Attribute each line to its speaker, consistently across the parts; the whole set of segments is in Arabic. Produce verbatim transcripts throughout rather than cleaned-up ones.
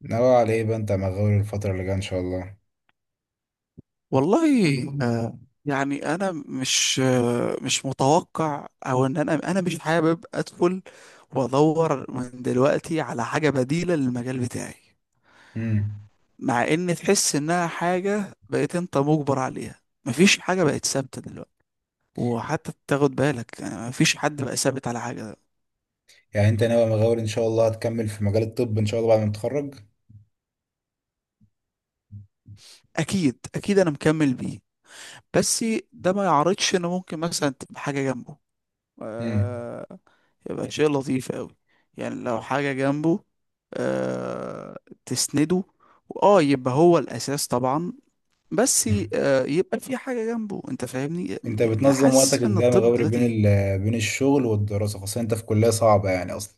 Speaker 1: ناوي على ايه بقى انت يا مغاور الفترة اللي جاية ان شاء الله.
Speaker 2: والله، آه، يعني انا مش آه، مش متوقع او ان انا انا مش حابب ادخل وادور من دلوقتي على حاجه بديله للمجال بتاعي،
Speaker 1: امم
Speaker 2: مع ان تحس انها حاجه بقيت انت مجبر عليها. مفيش حاجه بقت ثابته دلوقتي، وحتى تاخد بالك يعني مفيش حد بقى ثابت على حاجه.
Speaker 1: يعني انت ناوي يا مغاور ان شاء الله هتكمل في مجال الطب ان شاء الله بعد ما تتخرج.
Speaker 2: اكيد اكيد انا مكمل بيه، بس ده ما يعرضش ان ممكن مثلا تبقى حاجه جنبه.
Speaker 1: امم
Speaker 2: آه، يبقى شيء لطيف قوي. يعني لو حاجة جنبه آه تسنده، اه يبقى هو الأساس طبعا. بس ي-
Speaker 1: امم
Speaker 2: آه يبقى في حاجة جنبه، انت فاهمني.
Speaker 1: انت
Speaker 2: يعني
Speaker 1: بتنظم وقتك
Speaker 2: حاسس ان
Speaker 1: ازاي يا
Speaker 2: الطب
Speaker 1: مغاور بين
Speaker 2: دلوقتي،
Speaker 1: ال... آه، بين الشغل والدراسة خاصة انت في كلية صعبة يعني اصلا.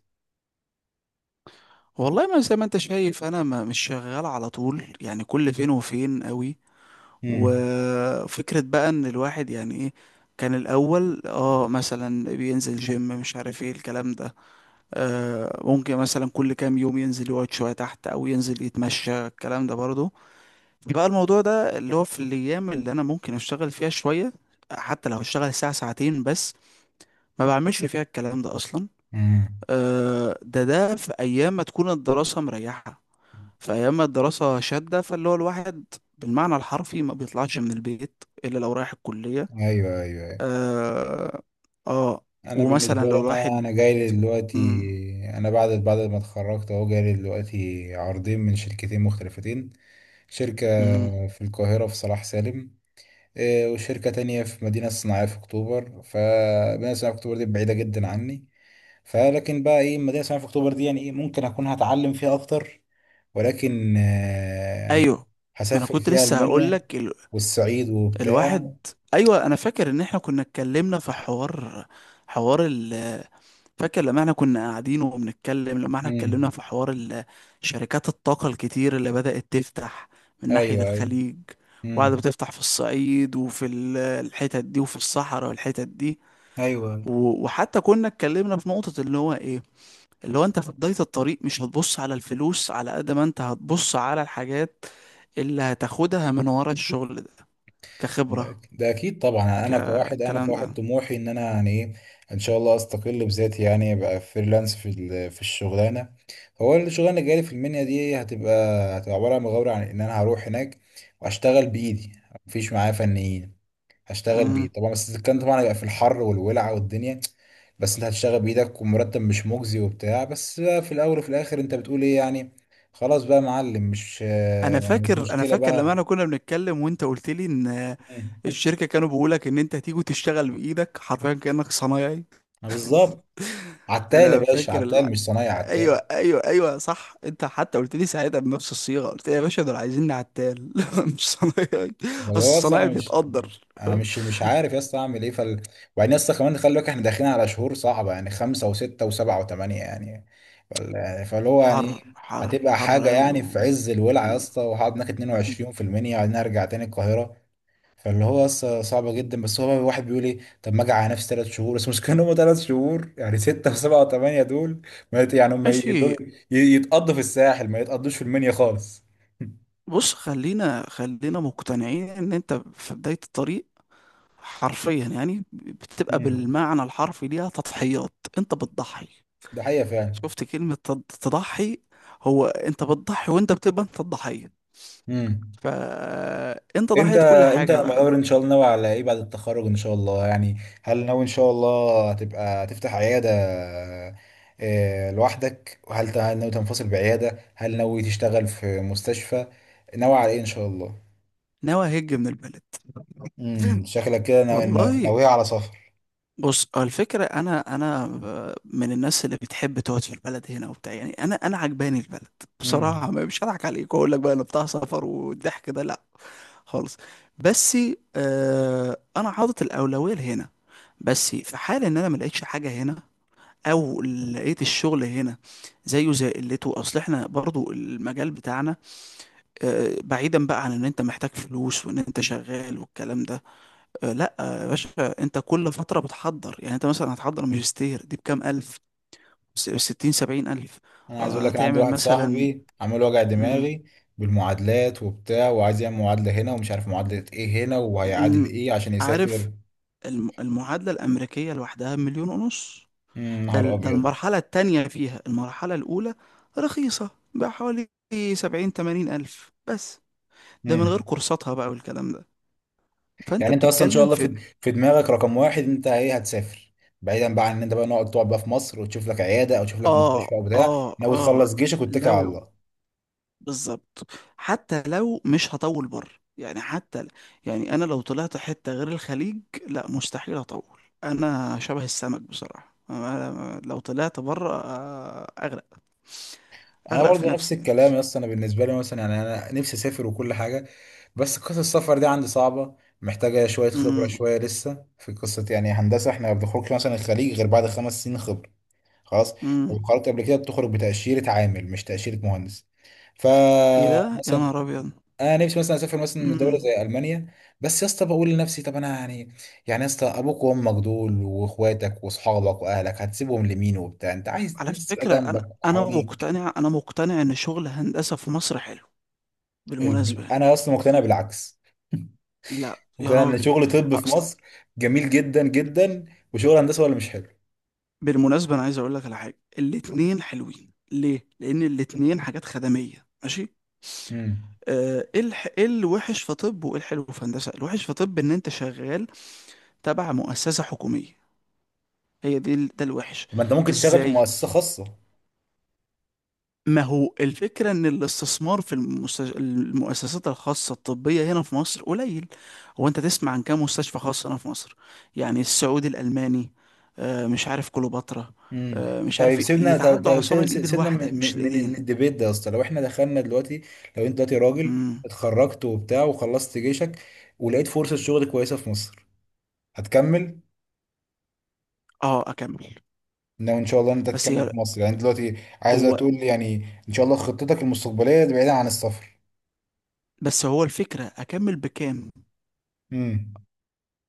Speaker 2: والله ما زي ما انت شايف، انا ما مش شغال على طول، يعني كل فين وفين قوي.
Speaker 1: امم
Speaker 2: وفكرة بقى ان الواحد يعني ايه، كان الاول اه مثلا بينزل جيم، مش عارف ايه الكلام ده. آه، ممكن مثلا كل كام يوم ينزل يقعد شوية تحت أو ينزل يتمشى، الكلام ده برضه. بقى الموضوع ده اللي هو في الأيام اللي أنا ممكن أشتغل فيها شوية، حتى لو هشتغل ساعة ساعتين بس، ما بعملش فيها الكلام ده أصلا.
Speaker 1: امم
Speaker 2: آه، ده ده في أيام ما تكون الدراسة مريحة، في أيام ما الدراسة شادة، فاللي هو الواحد بالمعنى الحرفي ما بيطلعش من البيت إلا لو رايح الكلية.
Speaker 1: ايوه ايوه ايوه.
Speaker 2: آه, آه
Speaker 1: انا
Speaker 2: ومثلا
Speaker 1: بالنسبة لي
Speaker 2: لو
Speaker 1: انا
Speaker 2: الواحد.
Speaker 1: انا جاي لي دلوقتي.
Speaker 2: مم.
Speaker 1: انا بعد بعد ما اتخرجت اهو جاي لي دلوقتي عرضين من شركتين مختلفتين. شركة
Speaker 2: مم.
Speaker 1: في القاهرة في صلاح سالم، إيه، وشركة تانية في مدينة صناعية في أكتوبر، فمدينة صناعية في أكتوبر دي بعيدة جدا عني. فلكن بقى إيه، المدينة صناعية في أكتوبر دي يعني إيه، ممكن أكون هتعلم فيها أكتر، ولكن آه، يعني
Speaker 2: ايوه، ما انا
Speaker 1: هسافر
Speaker 2: كنت
Speaker 1: فيها
Speaker 2: لسه هقول
Speaker 1: ألمانيا
Speaker 2: لك ال...
Speaker 1: والصعيد
Speaker 2: الواحد.
Speaker 1: وبتاع.
Speaker 2: ايوه، انا فاكر ان احنا كنا اتكلمنا في حوار، حوار ال... فاكر لما احنا كنا قاعدين وبنتكلم، لما احنا
Speaker 1: مم.
Speaker 2: اتكلمنا في حوار ال... شركات الطاقة الكتير اللي بدأت تفتح من ناحية
Speaker 1: أيوه أيوه.
Speaker 2: الخليج، وقاعدة
Speaker 1: مم.
Speaker 2: بتفتح في الصعيد وفي ال- الحتت دي وفي الصحراء والحتت دي.
Speaker 1: أيوه.
Speaker 2: و... وحتى كنا اتكلمنا في نقطة اللي هو ايه، اللي هو انت في بداية الطريق، مش هتبص على الفلوس على قد ما انت هتبص على الحاجات اللي هتاخدها من ورا الشغل ده، كخبرة،
Speaker 1: ده ده اكيد طبعا، انا كواحد، انا
Speaker 2: كالكلام
Speaker 1: كواحد
Speaker 2: ده.
Speaker 1: طموحي ان انا يعني ايه، ان شاء الله استقل بذاتي يعني ابقى فريلانس في ال- في الشغلانه. هو الشغلانه اللي جالي في المنيا دي هتبقى، هتبقى عباره عن مغامره، عن ان انا هروح هناك واشتغل بايدي. مفيش معايا فنيين، هشتغل
Speaker 2: مم.
Speaker 1: بايدي طبعا، بس الكلام طبعا هيبقى في الحر والولع والدنيا. بس انت هتشتغل بايدك ومرتب مش مجزي وبتاع، بس بقى في الاول وفي الاخر انت بتقول ايه يعني. خلاص بقى يا معلم، مش
Speaker 2: انا
Speaker 1: مش
Speaker 2: فاكر انا
Speaker 1: مشكله
Speaker 2: فاكر لما انا
Speaker 1: بقى.
Speaker 2: كنا بنتكلم، وانت قلت لي ان
Speaker 1: مم.
Speaker 2: الشركة كانوا بيقولك ان انت هتيجي تشتغل بايدك حرفيا كأنك صنايعي.
Speaker 1: بالظبط. عتال يا
Speaker 2: انا
Speaker 1: باشا،
Speaker 2: فاكر
Speaker 1: عتال
Speaker 2: الع...
Speaker 1: مش صنايعي،
Speaker 2: ايوه
Speaker 1: عتال.
Speaker 2: ايوه ايوه، صح، انت حتى قلت لي ساعتها بنفس الصيغة، قلت لي يا باشا دول عايزيني عتال مش صنايعي. اصل
Speaker 1: خلاص
Speaker 2: الصنايعي
Speaker 1: انا مش،
Speaker 2: بيتقدر.
Speaker 1: انا مش مش عارف يا اسطى اعمل ايه فال. وبعدين يا اسطى كمان خلي بالك احنا داخلين على شهور صعبه، يعني خمسه وسته وسبعه وثمانيه يعني. فال- فاللي هو يعني
Speaker 2: حر
Speaker 1: إيه،
Speaker 2: حر
Speaker 1: هتبقى
Speaker 2: حر
Speaker 1: حاجه
Speaker 2: قوي
Speaker 1: يعني
Speaker 2: و...
Speaker 1: في عز الولع يا
Speaker 2: مم.
Speaker 1: اسطى، وهقعد هناك اتنين وعشرين في المنيا، وبعدين ارجع تاني القاهره. فاللي هو لسه صعبه جدا، بس هو الواحد بيقول ايه، طب ما اجي على نفسي ثلاث شهور بس، مش كانوا هم ثلاث شهور يعني، سته وسبعه وثمانيه دول. ما يت- يعني هم يت-
Speaker 2: ماشي.
Speaker 1: يتقضوا في الساحل ما يتقضوش في المنيا خالص.
Speaker 2: بص، خلينا خلينا مقتنعين ان انت في بداية الطريق، حرفيا يعني، بتبقى
Speaker 1: امم.
Speaker 2: بالمعنى الحرفي ليها تضحيات. انت بتضحي.
Speaker 1: ده حقيقة فعلا.
Speaker 2: شفت كلمة تض- تضحي؟ هو انت بتضحي، وانت بتبقى انت الضحية،
Speaker 1: امم.
Speaker 2: فانت
Speaker 1: انت
Speaker 2: ضحية كل
Speaker 1: انت
Speaker 2: حاجة
Speaker 1: مقرر
Speaker 2: بقى.
Speaker 1: ان شاء الله، ناوي على ايه بعد التخرج ان شاء الله يعني؟ هل ناوي ان شاء الله هتبقى تفتح عيادة، آه، لوحدك؟ وهل ت- هل ناوي تنفصل بعيادة؟ هل ناوي تشتغل في مستشفى؟ ناوي على ايه ان شاء الله؟
Speaker 2: ناوي هج من البلد.
Speaker 1: امم، شكلك كده ناوي- نا-
Speaker 2: والله،
Speaker 1: ناوية على سفر.
Speaker 2: بص هو الفكرة، أنا أنا ب- من الناس اللي بتحب تقعد في البلد هنا وبتاع. يعني أنا أنا عجباني البلد بصراحة،
Speaker 1: امم.
Speaker 2: ما- مش هضحك عليك وأقول لك بقى أنا بتاع سفر والضحك ده، لأ خالص. بس آه أنا حاطط الأولوية لهنا، بس في حال إن أنا ما لقيتش حاجة هنا، أو لقيت الشغل هنا زيه زي قلته. أصل إحنا برضو المجال بتاعنا، آه بعيدا بقى عن إن أنت محتاج فلوس وإن أنت شغال والكلام ده. آه، لا آه، يا باشا، انت كل فترة بتحضر. يعني انت مثلا هتحضر ماجستير دي بكام ألف؟ س- ستين سبعين ألف.
Speaker 1: انا عايز اقول
Speaker 2: آه،
Speaker 1: لك، انا عندي
Speaker 2: هتعمل
Speaker 1: واحد
Speaker 2: مثلا.
Speaker 1: صاحبي عمال وجع
Speaker 2: مم،
Speaker 1: دماغي بالمعادلات وبتاع، وعايز يعمل معادلة هنا، ومش عارف معادلة ايه هنا وهيعادل
Speaker 2: مم،
Speaker 1: ايه عشان
Speaker 2: عارف.
Speaker 1: يسافر.
Speaker 2: الم- المعادلة الأمريكية لوحدها مليون ونص.
Speaker 1: مم،
Speaker 2: ده
Speaker 1: نهار
Speaker 2: ال- ده
Speaker 1: ابيض.
Speaker 2: المرحلة التانية فيها، المرحلة الأولى رخيصة بحوالي سبعين تمانين ألف بس، ده من
Speaker 1: مم.
Speaker 2: غير كورساتها بقى والكلام ده. فأنت
Speaker 1: يعني انت اصلا ان شاء
Speaker 2: بتتكلم
Speaker 1: الله
Speaker 2: في
Speaker 1: في، في دماغك رقم واحد انت ايه، هتسافر، بعيدا بقى عن ان انت بقى نقعد تقعد بقى في مصر وتشوف لك عياده او تشوف لك مستشفى
Speaker 2: آه
Speaker 1: او بتاع،
Speaker 2: آه
Speaker 1: ناوي
Speaker 2: آه
Speaker 1: تخلص جيشك واتكل على
Speaker 2: لو،
Speaker 1: الله؟
Speaker 2: بالظبط. حتى لو مش هطول بره، يعني حتى ل- يعني انا لو طلعت حتة غير الخليج لا، مستحيل اطول. انا شبه السمك بصراحة، أنا لو طلعت بره آه، اغرق.
Speaker 1: انا
Speaker 2: اغرق في
Speaker 1: برضه نفس
Speaker 2: نفسي يعني.
Speaker 1: الكلام يا اسطى، انا بالنسبه لي مثلا يعني انا نفسي اسافر وكل حاجه، بس قصه السفر دي عندي صعبه. محتاجه شويه خبره،
Speaker 2: امم.
Speaker 1: شويه لسه في قصه يعني هندسه، احنا ما بنخرجش مثلا الخليج غير بعد خمس سنين خبره، خلاص. لو
Speaker 2: امم.
Speaker 1: خرجت قبل كده بتخرج بتاشيره عامل، مش تاشيره مهندس.
Speaker 2: ايه ده، يا
Speaker 1: فمثلا
Speaker 2: نهار ابيض.
Speaker 1: انا نفسي مثلا اسافر مثلا دوله
Speaker 2: امم.
Speaker 1: زي المانيا، بس يا اسطى بقول لنفسي طب انا يعني، يعني يا اسطى ابوك وامك دول واخواتك واصحابك واهلك هتسيبهم لمين وبتاع، انت عايز
Speaker 2: على
Speaker 1: ناس تبقى
Speaker 2: فكرة
Speaker 1: جنبك
Speaker 2: انا، انا
Speaker 1: وحواليك.
Speaker 2: مقتنع انا مقتنع ان شغل هندسة في مصر حلو، بالمناسبة
Speaker 1: الب-
Speaker 2: يعني.
Speaker 1: انا يا اسطى مقتنع بالعكس،
Speaker 2: لا يا
Speaker 1: مقتنع ان
Speaker 2: راجل.
Speaker 1: شغل طب في مصر جميل جدا جدا، وشغل هندسه ولا مش حلو.
Speaker 2: بالمناسبة أنا عايز أقول لك على حاجة. الاتنين حلوين ليه؟ لأن الاتنين حاجات خدمية، ماشي؟
Speaker 1: امم.
Speaker 2: آه، إيه الح... إيه الوحش في طب وإيه الحلو في هندسة؟ الوحش في طب إن أنت شغال تبع مؤسسة حكومية. هي دي ال- ده الوحش.
Speaker 1: طب ما انت ممكن تشتغل في
Speaker 2: إزاي؟
Speaker 1: مؤسسه خاصه.
Speaker 2: ما هو الفكرة إن الاستثمار في المست... المؤسسات الخاصة الطبية هنا في مصر قليل. هو أنت تسمع عن كام مستشفى خاص هنا في مصر؟ يعني السعودي الألماني، آه، مش عارف كليوباترا،
Speaker 1: امم.
Speaker 2: آه، مش
Speaker 1: طيب
Speaker 2: عارف إيه،
Speaker 1: سيبنا، طيب
Speaker 2: يتعدوا
Speaker 1: طيب،
Speaker 2: على صابع
Speaker 1: سيب- سيب-
Speaker 2: الإيد
Speaker 1: سيبنا
Speaker 2: الواحدة
Speaker 1: من
Speaker 2: مش
Speaker 1: من من
Speaker 2: الإيدين.
Speaker 1: الديبيت ده يا اسطى. لو احنا دخلنا دلوقتي، لو انت دلوقتي راجل
Speaker 2: امم.
Speaker 1: اتخرجت وبتاع وخلصت جيشك ولقيت فرصة شغل كويسة في مصر، هتكمل؟
Speaker 2: اه، اكمل.
Speaker 1: لو ان شاء الله انت
Speaker 2: بس
Speaker 1: هتكمل
Speaker 2: هي
Speaker 1: في مصر يعني دلوقتي، عايز
Speaker 2: هو
Speaker 1: تقول لي يعني ان شاء الله خطتك المستقبلية بعيدة عن السفر؟
Speaker 2: بس هو الفكره، اكمل بكام؟
Speaker 1: امم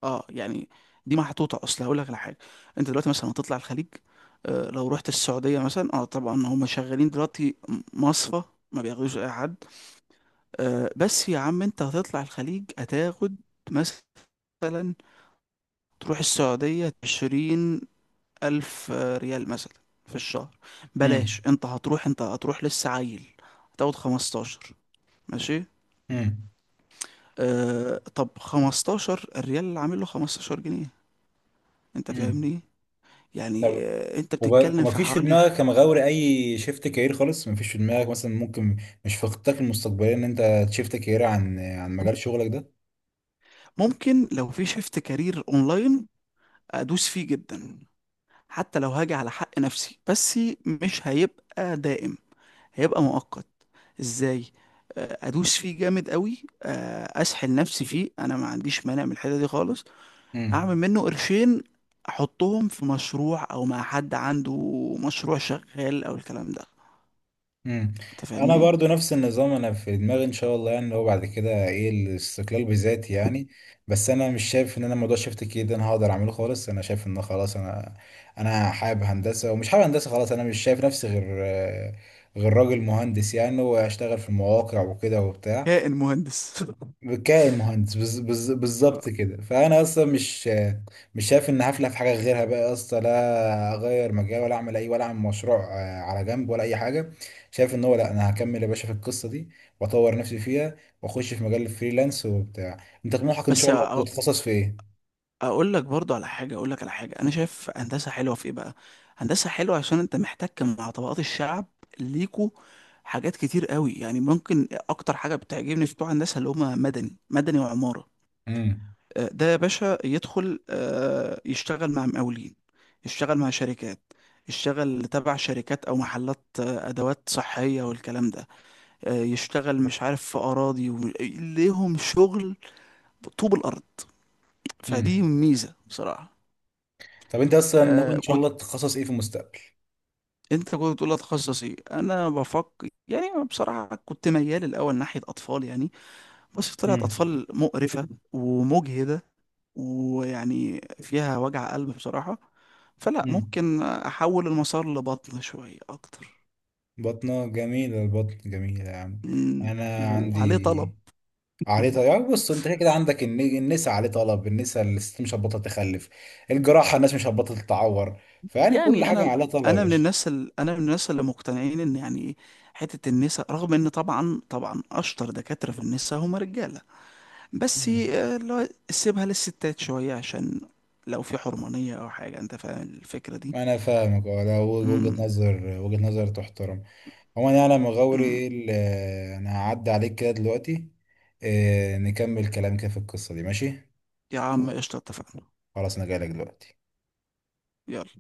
Speaker 2: اه يعني، دي محطوطه، اصل هقول لك على حاجه. انت دلوقتي مثلا هتطلع الخليج، آه لو رحت السعوديه مثلا، اه طبعا هم شغالين دلوقتي، م- مصفى، ما بياخدوش اي حد. آه بس يا عم، انت هتطلع الخليج هتاخد مثلا، تروح السعوديه عشرين الف آه، ريال مثلا في الشهر. بلاش،
Speaker 1: امم
Speaker 2: انت هتروح انت هتروح لسه عيل، هتاخد خمستاشر، ماشي.
Speaker 1: امم
Speaker 2: آه طب خمستاشر، الريال اللي عامل له خمستاشر جنيه، انت
Speaker 1: امم
Speaker 2: فاهمني. يعني
Speaker 1: طب
Speaker 2: آه انت
Speaker 1: وب-
Speaker 2: بتتكلم في
Speaker 1: ومفيش في
Speaker 2: حوالي.
Speaker 1: دماغك يا مغاوري اي شيفت كارير خالص؟ مفيش في دماغك مثلا ممكن، مش في خطتك المستقبلية ان انت تشيفت كارير عن، عن مجال شغلك
Speaker 2: ممكن لو في شيفت كارير اونلاين، ادوس فيه جدا، حتى لو هاجي على حق نفسي. بس مش هيبقى دائم، هيبقى مؤقت. ازاي؟ آه ادوس فيه جامد قوي، آه اسحل نفسي فيه، انا ما عنديش مانع من الحته دي خالص.
Speaker 1: ده؟
Speaker 2: اعمل منه قرشين، احطهم في مشروع او مع حد عنده مشروع شغال او الكلام ده،
Speaker 1: مم.
Speaker 2: انت
Speaker 1: انا
Speaker 2: فاهمني.
Speaker 1: برضو نفس النظام، انا في دماغي ان شاء الله يعني اللي هو بعد كده ايه، الاستقلال بذاتي يعني. بس انا مش شايف ان انا موضوع شفت كي ده انا هقدر اعمله خالص. انا شايف ان خلاص انا، انا حابب هندسه ومش حابب هندسه خلاص، انا مش شايف نفسي غير آه، غير راجل مهندس يعني، واشتغل في المواقع وكده وبتاع.
Speaker 2: كائن مهندس.
Speaker 1: كائن مهندس، بز- بز- بالظبط كده. فانا اصلا مش مش شايف ان هفلح في حاجه غيرها بقى اصلا، لا اغير مجال ولا اعمل اي، ولا اعمل مشروع آه، على جنب ولا اي حاجه. شايف ان هو لا، انا هكمل يا باشا في القصه دي واطور نفسي فيها واخش في مجال الفريلانس وبتاع. انت طموحك ان شاء
Speaker 2: بس
Speaker 1: الله
Speaker 2: أ-
Speaker 1: تتخصص في ايه؟
Speaker 2: اقول لك برضو على حاجه، اقول لك على حاجه، انا شايف هندسه حلوه في ايه بقى، هندسه حلوه عشان انت محتك مع طبقات الشعب. ليكوا حاجات كتير قوي، يعني ممكن اكتر حاجه بتعجبني في بتوع هندسه، اللي هم مدني مدني وعماره.
Speaker 1: امم
Speaker 2: آه، ده يا باشا يدخل آه، يشتغل مع مقاولين، يشتغل مع شركات، يشتغل تبع شركات او محلات آه، ادوات صحيه والكلام ده، آه، يشتغل مش عارف في اراضي و- ليهم شغل، طوب الارض.
Speaker 1: امم
Speaker 2: فدي ميزة بصراحة.
Speaker 1: طب انت اصلا ناوي
Speaker 2: آه
Speaker 1: ان شاء
Speaker 2: كنت،
Speaker 1: الله تتخصص ايه في المستقبل؟
Speaker 2: انت كنت بتقول اتخصص ايه؟ انا بفكر يعني بصراحة، كنت ميال الاول ناحية اطفال يعني، بس طلعت
Speaker 1: امم
Speaker 2: اطفال مقرفة ومجهدة، ويعني فيها وجع قلب بصراحة. فلا،
Speaker 1: امم
Speaker 2: ممكن احول المسار لبطن شوية اكتر.
Speaker 1: بطنه جميله، البطن جميله يا عم.
Speaker 2: مم،
Speaker 1: انا
Speaker 2: وعليه طلب.
Speaker 1: عندي، عليه طلب، يعني بص انت كده كده عندك الن- النساء عليه طلب، النساء الست مش هتبطل تخلف، الجراحة الناس مش هتبطل تتعور، فيعني كل
Speaker 2: يعني
Speaker 1: حاجة
Speaker 2: انا،
Speaker 1: عليها طلب يا
Speaker 2: انا من
Speaker 1: باشا.
Speaker 2: الناس ال... انا من الناس اللي مقتنعين ان يعني، حتة النساء، رغم ان طبعا طبعا اشطر دكاترة في النساء هم رجالة، بس
Speaker 1: مم.
Speaker 2: آه، اللي هو سيبها للستات شوية، عشان لو في حرمانية أو حاجة، أنت فاهم الفكرة دي.
Speaker 1: انا فاهمك، اه، ده وجهة
Speaker 2: امم.
Speaker 1: نظر، وجهة نظر تحترم. عموما يعني انا مغاوري
Speaker 2: أمم.
Speaker 1: ايه ال- انا هعدي عليك كده دلوقتي، اه، نكمل كلام كده في القصة دي، ماشي.
Speaker 2: يا عم قشطة، اتفقنا.
Speaker 1: خلاص انا جايلك دلوقتي.
Speaker 2: يلا.